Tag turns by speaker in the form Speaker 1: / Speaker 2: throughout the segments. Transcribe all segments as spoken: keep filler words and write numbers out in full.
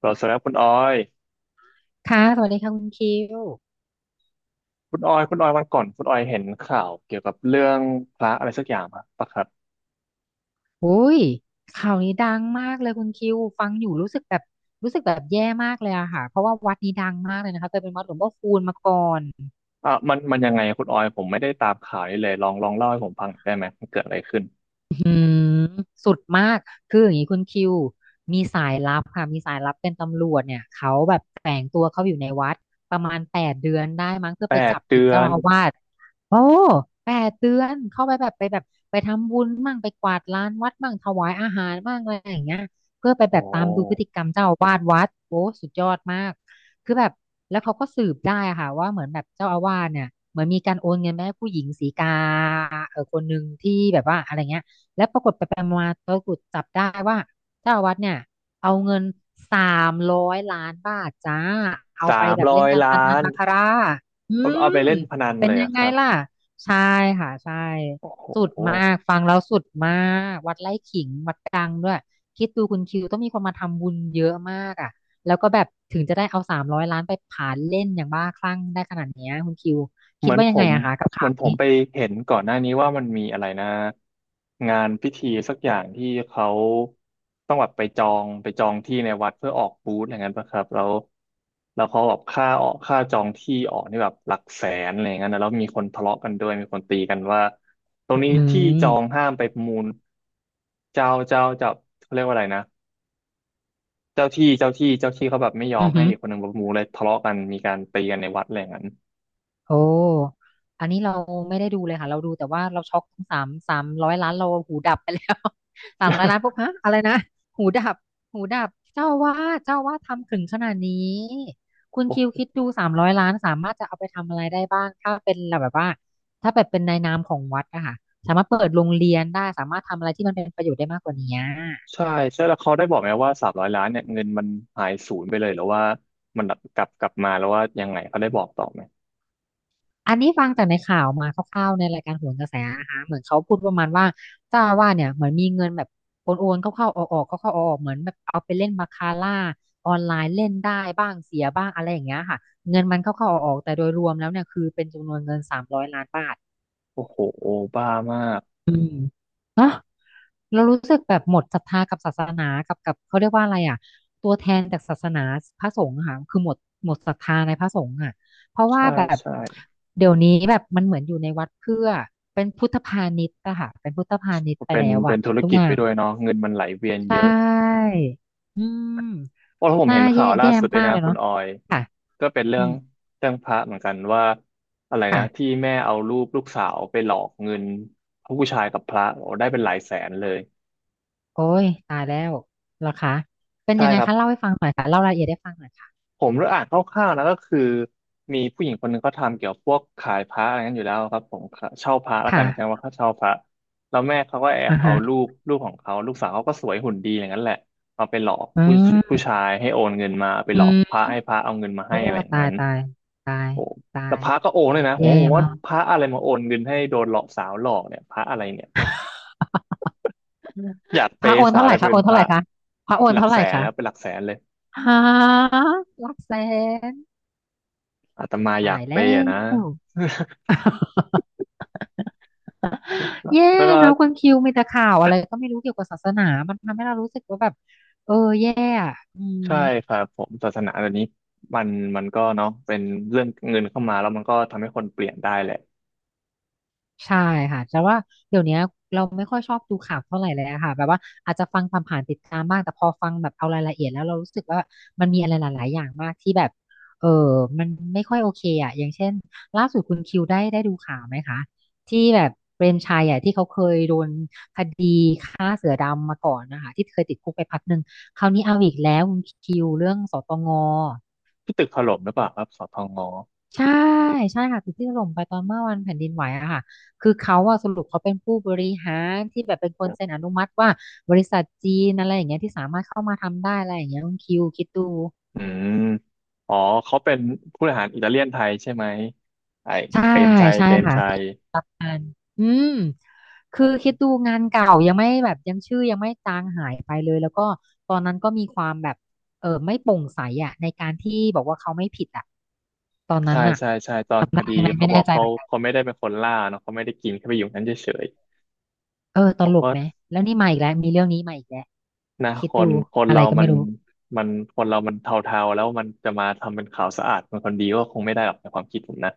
Speaker 1: เราสำหรับคุณออย
Speaker 2: ค่ะสวัสดีค่ะคุณคิว
Speaker 1: คุณออย คุณออยวันก่อน คุณออยเห็นข่าวเกี่ยวกับเรื่องพระอะไรสักอย่างปะปะครับ
Speaker 2: อุ้ยข่าวนี้ดังมากเลยคุณคิวฟังอยู่รู้สึกแบบรู้สึกแบบแย่มากเลยอะค่ะเพราะว่าวัดนี้ดังมากเลยนะคะเคยเป็นวัดหลวงพ่อคูณมาก่อน
Speaker 1: อ่ะมันมันยังไงคุณออย ผมไม่ได้ตามข่าวนี้เลย ลองลองเล่าให้ผมฟังได้ไหม มันเกิดอะไรขึ้น
Speaker 2: อื้หือสุดมากคืออย่างนี้คุณคิวมีสายลับค่ะมีสายลับเป็นตำรวจเนี่ยเขาแบบแฝงตัวเขาอยู่ในวัดประมาณแปดเดือนได้มั้งเพื่อ
Speaker 1: แป
Speaker 2: ไป
Speaker 1: ด
Speaker 2: จับ
Speaker 1: เดื
Speaker 2: ผิด
Speaker 1: อ
Speaker 2: เจ้า
Speaker 1: น
Speaker 2: อาวาสโอ้แปดเดือนเข้าไปแบบไปแบบไปทำบุญมั่งไปกวาดลานวัดมั่งถวายอาหารมั่งอะไรอย่างเงี้ยเพื่อไป
Speaker 1: โอ
Speaker 2: แบบตามดูพฤ
Speaker 1: ้
Speaker 2: ติกรรมเจ้าอาวาสวัดโอ้สุดยอดมากคือแบบแล้วเขาก็สืบได้อะค่ะว่าเหมือนแบบเจ้าอาวาสเนี่ยเหมือนมีการโอนเงินไปให้ผู้หญิงสีกาเออคนหนึ่งที่แบบว่าอะไรเงี้ย และปรากฏไปไปมาๆตะกรุดจับได้ว่าเจ้าอาวัดเนี่ยเอาเงินสามร้อยล้านบาทจ้าเอา
Speaker 1: สา
Speaker 2: ไป
Speaker 1: ม
Speaker 2: แบบ
Speaker 1: ร้
Speaker 2: เล่
Speaker 1: อ
Speaker 2: น
Speaker 1: ย
Speaker 2: การพ
Speaker 1: ล้า
Speaker 2: นัน
Speaker 1: น
Speaker 2: บาคาร่าอื
Speaker 1: เอาเอาไป
Speaker 2: ม
Speaker 1: เล่นพนัน
Speaker 2: เป็น
Speaker 1: เลย
Speaker 2: ยัง
Speaker 1: อะ
Speaker 2: ไง
Speaker 1: ครับ
Speaker 2: ล่ะใช่ค่ะใช่
Speaker 1: โอ้โ
Speaker 2: สุดมา
Speaker 1: ห
Speaker 2: กฟังแล้วสุดมากวัดไร่ขิงวัดดังด้วยคิดดูคุณคิวต้องมีคนมาทำบุญเยอะมากอ่ะแล้วก็แบบถึงจะได้เอาสามร้อยล้านไปผานเล่นอย่างบ้าคลั่งได้ขนาดเนี้ยคุณคิว
Speaker 1: เห
Speaker 2: คิด
Speaker 1: มือน
Speaker 2: ว่า
Speaker 1: ผ
Speaker 2: ยังไง
Speaker 1: ม
Speaker 2: อะคะกับ
Speaker 1: เหมื
Speaker 2: ข่า
Speaker 1: อ
Speaker 2: ว
Speaker 1: นผ
Speaker 2: นี้
Speaker 1: มไปเห็นก่อนหน้านี้ว่ามันมีอะไรนะงานพิธีสักอย่างที่เขาต้องแบบไปจองไปจองที่ในวัดเพื่อออกบูธอะไรเงี้ยป่ะครับแล้วแล้วเขาแบบค่าออกค่าจองที่ออกนี่แบบหลักแสนอะไรเงี้ยนะแล้วมีคนทะเลาะกันด้วยมีคนตีกันว่าตรงนี้
Speaker 2: อื
Speaker 1: ที่จอ
Speaker 2: ม
Speaker 1: งห้ามไปประมูลเจ้าเจ้าเจ้าเขาเรียกว่าอะไรนะเจ้าที่เจ้าที่เจ้าที่เขาแบบไม่ยอ
Speaker 2: อื
Speaker 1: ม
Speaker 2: อ
Speaker 1: ให้
Speaker 2: หือ
Speaker 1: อีกคนหนึ่งประมูลเลยทะเลาะกันมีการตีกันในวัดอะไรอย่างนั้น
Speaker 2: โอ้อันนี้เราไม่ได้ดูเลยค่ะ เราดูแต่ว่าเราช็อกสามสามร้อยล้านเราหูดับไปแล้ว สามร้อยล้านปุ๊บฮะอะไรนะหูดับหูดับเจ้าว่าเจ้าว่าทำถึงขนาดนี้คุณคิว คิดดูสามร้อยล้านสามารถจะเอาไปทำอะไรได้บ้างถ้าเป็นแบบว่าถ้าแบบเป็นในนามของวัดอะค่ะสามารถเปิดโรงเรียนได้สามารถทำอะไรที่มันเป็นประโยชน์ได้มากกว่านี้
Speaker 1: ใช่ใช่แล้วเขาได้บอกไหมว่าสามร้อยล้านเนี่ยเงินมันหายศูนย์ไปเลยหรือว่ามันกลับกลับมาแล้วว่ายังไงเขาได้บอกต่อไหม
Speaker 2: อันนี้ฟังจากในข่าวมาคร่าวๆในรายการโหนกระแสนะคะเหมือนเขาพูดประมาณว่าเจ้าอาวาสเนี่ยเหมือนมีเงินแบบโอนโเข้าๆออกๆกเข้าๆออกๆเหมือนแบบเอาไปเล่นบาคาร่าออนไลน์เล่นได้บ้างเสียบ้างอะไรอย่างเงี้ยค่ะเงินมันเข้าๆออกๆแต่โดยรวมแล้วเนี่ยคือเป็นจำนวนเงินสามร้อยล้านบาท
Speaker 1: โอ้โหบ้ามาก
Speaker 2: เนาะ เรารู้สึกแบบหมดศรัทธากับศาสนากับกับเขาเรียกว่าอะไรอ่ะตัวแทนจากศาสนาพระสงฆ์อะค่ะคือหมดหมดศรัทธาในพระสงฆ์อ่ะเพราะว่า
Speaker 1: ใช่
Speaker 2: แบบ
Speaker 1: ใช่
Speaker 2: เดี๋ยวนี้แบบมันเหมือนอยู่ในวัดเพื่อเป็นพุทธพาณิชย์อะค่ะเป็นพุทธพาณิชย์ไป
Speaker 1: เป็น
Speaker 2: แล้ว
Speaker 1: เป็
Speaker 2: อะ
Speaker 1: นธุร
Speaker 2: ทุก
Speaker 1: กิ
Speaker 2: อ
Speaker 1: จ
Speaker 2: ย่า
Speaker 1: ไป
Speaker 2: ง
Speaker 1: ด้วยเนาะเงินมันไหลเวียน
Speaker 2: ใช
Speaker 1: เยอะ
Speaker 2: ่อืม
Speaker 1: เพราะผม
Speaker 2: น่า
Speaker 1: เห็น
Speaker 2: แย่
Speaker 1: ข่าวล่า
Speaker 2: แย่
Speaker 1: สุดเลย
Speaker 2: มาก
Speaker 1: นะ
Speaker 2: เลย
Speaker 1: คุณ
Speaker 2: เนาะ
Speaker 1: ออย
Speaker 2: ค่ะ
Speaker 1: ก็เป็นเรื่
Speaker 2: อื
Speaker 1: อง
Speaker 2: ม
Speaker 1: เรื่องพระเหมือนกันว่าอะไรนะ
Speaker 2: ค่ะ
Speaker 1: ที่แม่เอารูปลูกสาวไปหลอกเงินผู้ชายกับพระโอ้ได้เป็นหลายแสนเลย
Speaker 2: โอ้ยตายแล้วเหรอคะเป็น
Speaker 1: ใช่
Speaker 2: ยังไง
Speaker 1: ครับ
Speaker 2: คะเล่าให้ฟังหน่อยค่ะเล่ารายละเอียดให้ฟังหน่อยค่ะ
Speaker 1: ผมได้อ่านคร่าวๆนะก็คือมีผู้หญิงคนหนึ่งเขาทำเกี่ยวพวกขายพระอะไรนั้นอยู่แล้วครับผมเช่าพระแล้วกันใช่ไหม
Speaker 2: ค่ะ
Speaker 1: ว่าเขาเช่าพระแล้วแม่เขาก็แอบ
Speaker 2: อ่า
Speaker 1: เอา
Speaker 2: ฮะ
Speaker 1: รูปลูกของเขาลูกสาวเขาก็สวยหุ่นดีอย่างนั้นแหละเอาไปหลอก
Speaker 2: อื
Speaker 1: ผู้ผู้
Speaker 2: ม
Speaker 1: ชายให้โอนเงินมาเอาไป
Speaker 2: อื
Speaker 1: หลอกพระ
Speaker 2: ม
Speaker 1: ให้พระเอาเงินมาให้
Speaker 2: โอ้
Speaker 1: อะไรอย่าง
Speaker 2: ตา
Speaker 1: นั้
Speaker 2: ย
Speaker 1: น
Speaker 2: ตายตาย
Speaker 1: โอ้
Speaker 2: ตา
Speaker 1: แล้ว
Speaker 2: ย
Speaker 1: พระก็โอนเลยนะผม
Speaker 2: แย่
Speaker 1: ก็งง
Speaker 2: มา
Speaker 1: ว่า
Speaker 2: ก
Speaker 1: พระอะไรมาโอนเงินให้โดนหลอกสาวหลอกเนี่ยพระอะไรเนี่ย อยากเป
Speaker 2: พระโอ
Speaker 1: ย์
Speaker 2: น
Speaker 1: สาว
Speaker 2: เท่าไห
Speaker 1: ได้
Speaker 2: ร่
Speaker 1: ไป
Speaker 2: คะโอ
Speaker 1: เป็น
Speaker 2: น
Speaker 1: พ
Speaker 2: เท่าไห
Speaker 1: ระ
Speaker 2: ร่คะพระ
Speaker 1: ผม
Speaker 2: โอ
Speaker 1: เป็
Speaker 2: น
Speaker 1: นหลัก
Speaker 2: เท่าไห
Speaker 1: แส
Speaker 2: ร่
Speaker 1: น
Speaker 2: คะ
Speaker 1: แล้วเป็นหลักแสนเลย
Speaker 2: ฮะหลักแสน
Speaker 1: อาตมาอยา
Speaker 2: ตา
Speaker 1: ก
Speaker 2: ย
Speaker 1: เป
Speaker 2: แล้
Speaker 1: ย์อะนะ
Speaker 2: ว แย่
Speaker 1: แล้วก็
Speaker 2: เนาะคนคิวมีแต่ข่าวอะไรก็ไม่รู้เกี่ยวกับศาสนามันทำให้เรารู้สึกว่าแบบเออแย่อะอืม
Speaker 1: ใช่ครับผมศาสนาเดี๋ยวนี้มันมันก็เนาะเป็นเรื่องเงินเข้ามาแล้วมันก็ทำให้คนเปลี่ยนได้แหละ
Speaker 2: ใช่ค่ะแต่ว่าเดี๋ยวเนี้ยเราไม่ค่อยชอบดูข่าวเท่าไหร่เลยอะค่ะแบบว่าอาจจะฟังผ่านๆติดตามบ้างแต่พอฟังแบบเอารายละเอียดแล้วเรารู้สึกว่ามันมีอะไรหลายๆอย่างมากที่แบบเออมันไม่ค่อยโอเคอะอย่างเช่นล่าสุดคุณคิวได้ได้ดูข่าวไหมคะที่แบบเปรมชัยอะที่เขาเคยโดนคดีฆ่าเสือดำมาก่อนนะคะที่เคยติดคุกไปพักหนึ่งคราวนี้เอาอีกแล้วคุณคิวเรื่องสตง
Speaker 1: ที่ตึกถล่มหรือเปล่าครับสทง
Speaker 2: ใช่ใช่ค่ะตึกที่ถล่มไปตอนเมื่อวันแผ่นดินไหวอะค่ะคือเขาอะสรุปเขาเป็นผู้บริหารที่แบบเป็นคนเซ็นอนุมัติว่าบริษัทจีนอะไรอย่างเงี้ยที่สามารถเข้ามาทำได้อะไรอย่างเงี้ยคุณคิวคิดดู
Speaker 1: อืมอ๋อเขาเป็นผู้บริหารอิตาเลียนไทยใช่ไหมไอ้
Speaker 2: ใช่
Speaker 1: เปรมชัย
Speaker 2: ใช่
Speaker 1: เปรม
Speaker 2: ค่ะ
Speaker 1: ชั
Speaker 2: ที่
Speaker 1: ย
Speaker 2: งานอืม
Speaker 1: โอ
Speaker 2: คือคิ
Speaker 1: ้
Speaker 2: ดดูงานเก่ายังไม่แบบยังชื่อยังไม่จางหายไปเลยแล้วก็ตอนนั้นก็มีความแบบเออไม่โปร่งใสอะในการที่บอกว่าเขาไม่ผิดอะตอนนั้
Speaker 1: ใช่
Speaker 2: นอะ
Speaker 1: ใช่ใช่ตอน
Speaker 2: จำ
Speaker 1: ค
Speaker 2: ได้
Speaker 1: ดี
Speaker 2: ไหมไม่
Speaker 1: เขาบอ
Speaker 2: แน่
Speaker 1: ก
Speaker 2: ใจ
Speaker 1: เขา
Speaker 2: เหมือนกัน
Speaker 1: เขาไม่ได้เป็นคนล่าเนาะเขาไม่ได้กินแค่ไปอยู่นั้นเฉย
Speaker 2: เออต
Speaker 1: ๆบอก
Speaker 2: ลก
Speaker 1: ว่า
Speaker 2: ไหมแล้วนี่มาอีกแล้วมีเรื่องนี้มาอีกแล้ว
Speaker 1: นะ
Speaker 2: คิ
Speaker 1: ค
Speaker 2: ดดู
Speaker 1: นคน
Speaker 2: อะไร
Speaker 1: เรา
Speaker 2: ก็
Speaker 1: มั
Speaker 2: ไม่
Speaker 1: น
Speaker 2: รู้
Speaker 1: มันคนเรามันเทาๆแล้วมันจะมาทำเป็นขาวสะอาดเป็นคนดีก็คงไม่ได้หรอกในความคิดผมนะ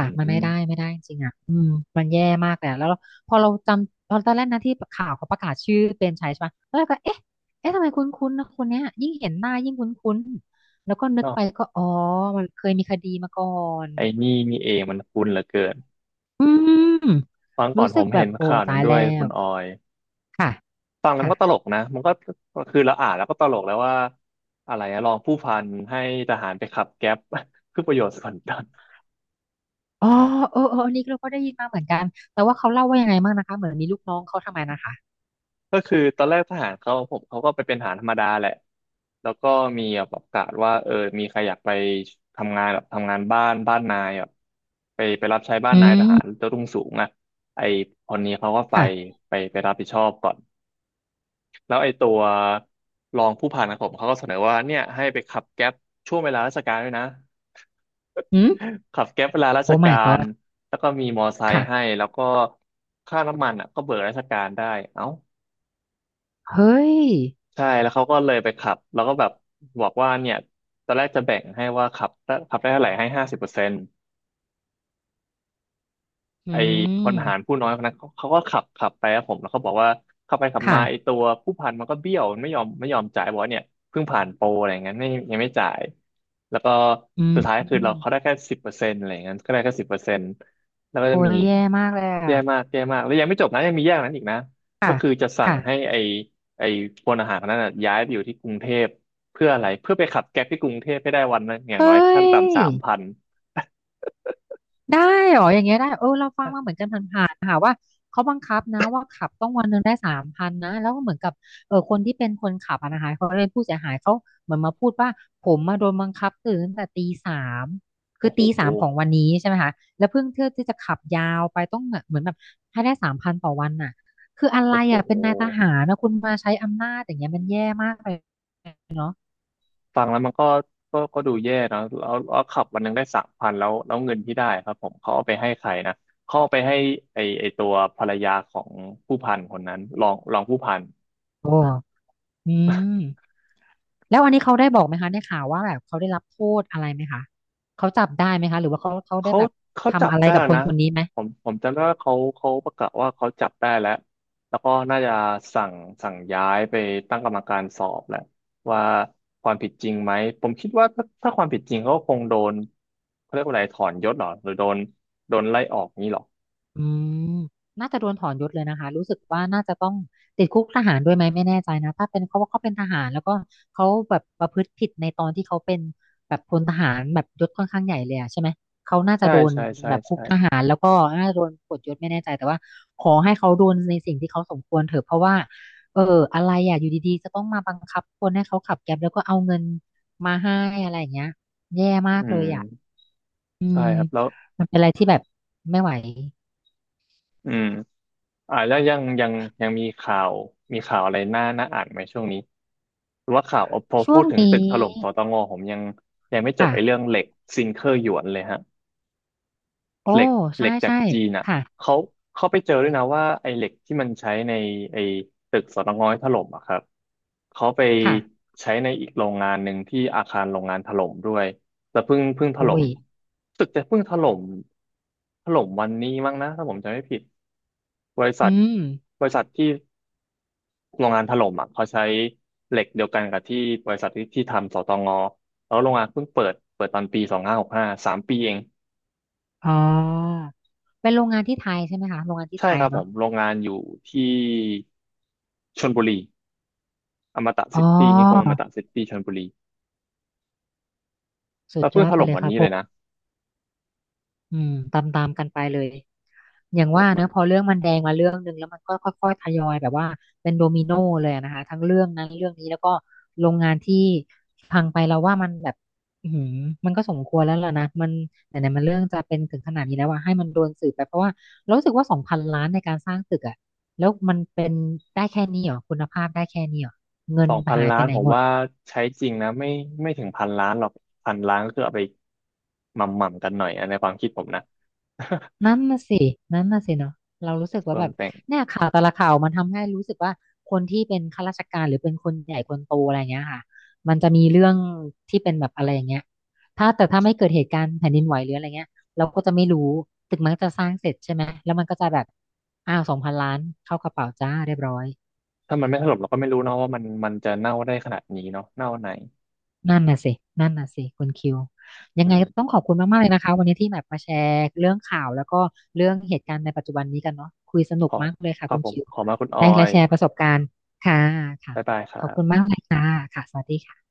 Speaker 1: อ
Speaker 2: ะมัน
Speaker 1: ื
Speaker 2: ไม่
Speaker 1: ม
Speaker 2: ได้ไม่ได้จริงๆอ่ะอืมมันแย่มากเลยอะแล้วเราพอเราจำตอนตอนแรกนะที่ข่าวเขาประกาศชื่อเปรมชัยใช่ปะแล้วเราก็เอ๊ะเอ๊ะทำไมคุ้นๆนะคนเนี้ยยิ่งเห็นหน้ายิ่งคุ้นๆแล้วก็นึกไปก็อ๋อมันเคยมีคดีมาก่อน
Speaker 1: ไอ้นี่นี่เองมันคุ้นเหลือเกิน
Speaker 2: อืม
Speaker 1: ฟังก่อ
Speaker 2: รู้
Speaker 1: นผ
Speaker 2: สึก
Speaker 1: ม
Speaker 2: แบ
Speaker 1: เห็
Speaker 2: บ
Speaker 1: น
Speaker 2: โอ้
Speaker 1: ข่าวหนึ่
Speaker 2: ตา
Speaker 1: ง
Speaker 2: ย
Speaker 1: ด้ว
Speaker 2: แล้
Speaker 1: ยคุ
Speaker 2: ว
Speaker 1: ณออย
Speaker 2: ค่ะ
Speaker 1: ฟังแล้วมั
Speaker 2: ค่ะ
Speaker 1: นก็ตลกนะมันก็คือเราอ่านแล้วก็ตลกแล้วว่า อะไรอะรองผู้พันให้ทหารไปขับแก๊ป เพื่อประโยชน์ส่วนตน
Speaker 2: อ๋อเออเอออันนี้เราก็ได้ยินมาเหมือนกันแต่ว่าเขาเล่าว่ายังไงบ้างนะคะเหมือนมีลูกน้องเขาทำไมนะคะ
Speaker 1: ก็คือตอนแรกทหารเขาผมเขาก็ไปเป็นทหารธรรมดาแหละ แล้วก็มีแบบประกาศว่าเออมีใครอยากไปทำงานแบบทำงานบ้านบ้านนายแบบไปไปรับใช้บ้าน
Speaker 2: อื
Speaker 1: นายท
Speaker 2: ม
Speaker 1: หารเจ้ารุ่งสูงอะไอคนนี้เขาก็ไป
Speaker 2: ค่ะ
Speaker 1: ไปไปรับผิดชอบก่อน แล้วไอ้ตัวรองผู้พันของผมเขาก็เสนอว่าเนี่ยให้ไปขับแก๊ปช่วงเวลาราชการด้วยนะ
Speaker 2: อืม
Speaker 1: ขับแก๊ปเวลาราช
Speaker 2: โอ้
Speaker 1: กา
Speaker 2: my
Speaker 1: ร
Speaker 2: god
Speaker 1: แล้วก็มีมอไซค์
Speaker 2: ค่ะ
Speaker 1: ให้แล้วก็ค่าน้ำมันอ่ะก็เบิกราชการได้เอ้า
Speaker 2: เฮ้ย
Speaker 1: ใช่แล้วเขาก็เลยไปขับแล้วก็แบบบอกว่าเนี่ยตอนแรกจะแบ่งให้ว่าขับขับได้เท่าไหร่ให้ห้าสิบเปอร์เซ็นต์
Speaker 2: อื
Speaker 1: ไอ้คนหาร
Speaker 2: ม
Speaker 1: ผู้น้อยคนนั้นเขาเขาก็ขับขับไปครับผมแล้วเขาบอกว่าขับไปขับมา
Speaker 2: ค่ะ
Speaker 1: ไอ้ตัวผู้พันมันก็เบี้ยวมันไม่ยอมไม่ยอมจ่ายบอกว่าเนี่ยเพิ่งผ่านโปรอะไรอย่างเงี้ยไม่ยังไม่จ่ายแล้วก็
Speaker 2: อื
Speaker 1: สุดท้ายคือเรา
Speaker 2: ม
Speaker 1: เขาได้แค่สิบเปอร์เซ็นต์อะไรอย่างเงี้ยก็ได้แค่สิบเปอร์เซ็นต์แล้วก็จะ
Speaker 2: โอ้
Speaker 1: มี
Speaker 2: ยแย่มากเลย
Speaker 1: แย่
Speaker 2: อ่ะ
Speaker 1: มากแย่มากแล้วยังไม่จบนะยังมีแย่กว่านั้นอีกนะก็
Speaker 2: ค่ะ
Speaker 1: คือจะสั่ง
Speaker 2: ค่ะ
Speaker 1: ให้ไอ้ไอ้พลทหารคนนั้นน่ะย้ายไปอยู่ที่กรุงเทพเพื่ออะไรเพื่อไปขับแก๊ปที่กรุงเทพให้ได้วันนึงอย่า
Speaker 2: เฮ
Speaker 1: งน้อย
Speaker 2: ้
Speaker 1: ขั้น
Speaker 2: ย
Speaker 1: ต่ำสามพัน
Speaker 2: ได้เหรออย่างเงี้ยได้เออเราฟังมาเหมือนกันผ่านๆค่ะว่าเขาบังคับนะว่าขับต้องวันหนึ่งได้สามพันนะแล้วก็เหมือนกับเออคนที่เป็นคนขับอะนะคะเขาเป็นผู้เสียหายเขาเหมือนมาพูดว่าผมมาโดนบังคับตื่นตั้งแต่ตีสาม คื
Speaker 1: โอ้
Speaker 2: อ
Speaker 1: โห
Speaker 2: ตีสามของวันนี้ใช่ไหมคะแล้วเพิ่งเที่ยวที่จะขับยาวไปต้องเหมือนแบบให้ได้สามพันต่อวันน่ะคืออะไร
Speaker 1: โอ้โห
Speaker 2: อ่ะเป็นนายทหารนะคุณมาใช้อำนาจอย่างเงี้ยมันแย่มากเลย
Speaker 1: ฟังแล้วมันก็ก็ก็ดูแย่นะแล้วแล้วขับวันหนึงได้สามพันแล้วแล้วเงินที่ได้ครับผมเขาเอาไปให้ใครนะเขาเอาไปให้ไอไอตัวภรรยาของผู้พันคนนั้นรองรองผู้พัน
Speaker 2: โอ้อืม แล้วอันนี้เขาได้บอกไหมคะในข่าวว่าแบบเขาได้รับโทษอะไรไหมคะเขาจับได้ไหมคะหรือว่าเขาเขาได้
Speaker 1: เขา
Speaker 2: แบบ
Speaker 1: เขาจั
Speaker 2: ทำ
Speaker 1: บ
Speaker 2: อะไร
Speaker 1: ได้
Speaker 2: กับ
Speaker 1: แล้ว
Speaker 2: คน
Speaker 1: นะ
Speaker 2: คนนี้ไหม
Speaker 1: ผมผมจำได้ว่าเขาเขาประกาศว่าเขาจับได้แล้วแล้วก็น่าจะสั่งสั่งย้ายไปตั้งกรรมการสอบแหละว่าความผิดจริงไหมผมคิดว่าถ้าถ้าความผิดจริงเขาก็คงโดนเขาเรียกว่าอะไรถอนยศเหรอหรือโดนโดนไล่ออกนี้เหรอ
Speaker 2: อืมน่าจะโดนถอนยศเลยนะคะรู้สึกว่าน่าจะต้องติดคุกทหารด้วยไหมไม่แน่ใจนะถ้าเป็นเขาว่าเขาเป็นทหารแล้วก็เขาแบบประพฤติผิดในตอนที่เขาเป็นแบบพลทหารแบบยศค่อนข้างใหญ่เลยอะใช่ไหม
Speaker 1: ใช่ใช่ใช่
Speaker 2: คุกท
Speaker 1: ใช่
Speaker 2: หารแล้วก็น่าจะโดนปลดยศไม่แน่ใจแต่ว่าขอให้เขาโดนในสิ่งที่เขาสมควรเถอะเพราะว่าเอออะไรอ่ะอยู่ดีๆจะต้องมาบังคับคนให้เขาขับแก๊ปแล้วก็เอาเงินมาให้อะไรอย่างเงี้ยแย่มา
Speaker 1: อื
Speaker 2: กเลยอ่ะ
Speaker 1: ม
Speaker 2: อื
Speaker 1: ใช่
Speaker 2: ม
Speaker 1: ครับแล้ว
Speaker 2: มันเป็นอะไรที่แบบไม่ไหว
Speaker 1: อืมอ่าแล้วยังยังยังมีข่าวมีข่าวอะไรน่าน่าอ่านไหมช่วงนี้หรือว่าข่าวพอ
Speaker 2: ช่
Speaker 1: พู
Speaker 2: ว
Speaker 1: ด
Speaker 2: ง
Speaker 1: ถึง
Speaker 2: นี้
Speaker 1: ตึกถล่มสตงผมยังยังไม่จบ
Speaker 2: ค่ะ
Speaker 1: ไอ้เรื่องเหล็กซิงเกอร์หยวนเลยฮะ
Speaker 2: โอ้
Speaker 1: เหล็กเห
Speaker 2: ใช่
Speaker 1: ล็กจาก
Speaker 2: ใช่
Speaker 1: จีนอ่ะ
Speaker 2: ค่ะ
Speaker 1: เขาเขาไปเจอด้วยนะว่าไอ้เหล็กที่มันใช้ในไอ้ตึกสตงที่ถล่มอ่ะครับเขาไป
Speaker 2: ค่ะ
Speaker 1: ใช้ในอีกโรงงานหนึ่งที่อาคารโรงงานถล่มด้วยแล้วเพิ่งเพิ่งถล่
Speaker 2: โอ้
Speaker 1: ม
Speaker 2: ย
Speaker 1: ตึกจะเพิ่งถล่มถล่มวันนี้มั้งนะถ้าผมจำไม่ผิดบริษั
Speaker 2: อื
Speaker 1: ท
Speaker 2: ม
Speaker 1: บริษัทที่โรงงานถล่มอ่ะเขาใช้เหล็กเดียวกันกับที่บริษัทที่ที่ทำสตงแล้วโรงงานเพิ่งเปิดเปิดตอนปีสองห้าหกห้าสามปีเอง
Speaker 2: อ๋อเป็นโรงงานที่ไทยใช่ไหมคะโรงงานที่
Speaker 1: ใช่
Speaker 2: ไท
Speaker 1: ค
Speaker 2: ย
Speaker 1: รับผ
Speaker 2: เนาะ
Speaker 1: มโรงงานอยู่ที่ชลบุรีอมตะ
Speaker 2: อ๋
Speaker 1: ซิตี้นิคมอ
Speaker 2: อ
Speaker 1: มตะซิตี้ชลบุรี
Speaker 2: สุ
Speaker 1: ก็
Speaker 2: ดย
Speaker 1: เพิ่ง
Speaker 2: อด
Speaker 1: ถ
Speaker 2: ไป
Speaker 1: ล่ม
Speaker 2: เลย
Speaker 1: วัน
Speaker 2: ครับ
Speaker 1: นี้
Speaker 2: ผ
Speaker 1: เลย
Speaker 2: ม
Speaker 1: นะ
Speaker 2: อืมตามตามกันไปเลยอย่าง
Speaker 1: โอ้
Speaker 2: ว่า
Speaker 1: มั
Speaker 2: เน
Speaker 1: น
Speaker 2: อะพอเรื่องมันแดงมาเรื่องหนึ่งแล้วมันก็ค่อยๆทยอยแบบว่าเป็นโดมิโนเลยอะนะคะทั้งเรื่องนั้นเรื่องนี้แล้วก็โรงงานที่พังไปเราว่ามันแบบอือหือมันก็สมควรแล้วล่ะนะมันไหนๆมันเรื่องจะเป็นถึงขนาดนี้แล้วว่าให้มันโดนสืบไปเพราะว่าเรารู้สึกว่าสองพันล้านในการสร้างตึกอะแล้วมันเป็นได้แค่นี้เหรอคุณภาพได้แค่นี้เหรอ
Speaker 1: สองพันล้านผมว่าใช้จริงนะไม่ไม่ถึงพันล้านหรอกพันล้านก็คือเอาไปหม่ำๆกันหน่อยอะในความคิดผมนะ
Speaker 2: นั่นน่ะสิ นั่นน่ะสิเนาะเรารู้สึก ว่า
Speaker 1: ส่ว
Speaker 2: แบ
Speaker 1: น
Speaker 2: บ
Speaker 1: แต่ง
Speaker 2: เนี่ยข่าวแต่ละข่าวมันทำให้รู้สึกว่าคนที่เป็นข้าราชการหรือเป็นคนใหญ่คนโตอะไรเงี้ยค่ะมันจะมีเรื่องที่เป็นแบบอะไรอย่างเงี้ยถ้าแต่ถ้าไม่เกิดเหตุการณ์แผ่นดินไหวหรืออะไรเงี้ยเราก็จะไม่รู้ ตึกมันก็จะสร้างเสร็จใช่ไหม แล้วมันก็จะแบบอ้าวสองพันล้านเข้ากระเป๋าจ้าเรียบร้อย
Speaker 1: ถ้ามันไม่ถล่มเราก็ไม่รู้เนาะว่ามันมันจะเน่าได้ขนาดนี้เนาะเน่าไหน
Speaker 2: นั่นน่ะสินั่นน่ะสิคุณคิวยั
Speaker 1: อื
Speaker 2: งไง
Speaker 1: ม
Speaker 2: ก็ต้องขอบคุณมากๆเลยนะคะวันนี้ที่แบบมาแชร์เรื่องข่าวแล้วก็เรื่องเหตุการณ์ในปัจจุบันนี้กันเนาะคุยสนุ
Speaker 1: ข
Speaker 2: ก
Speaker 1: อ
Speaker 2: มากเลยค่ะ
Speaker 1: ครั
Speaker 2: คุ
Speaker 1: บ
Speaker 2: ณ
Speaker 1: ผม
Speaker 2: คิว
Speaker 1: ขอมาคุณออ
Speaker 2: ได้และ
Speaker 1: ย
Speaker 2: แชร์ประสบการณ์ค่ะค่ะ
Speaker 1: บ๊ายบายครั
Speaker 2: ขอบคุณมา
Speaker 1: บ
Speaker 2: กเลยค่ะค่ะสวัสดีค่ะ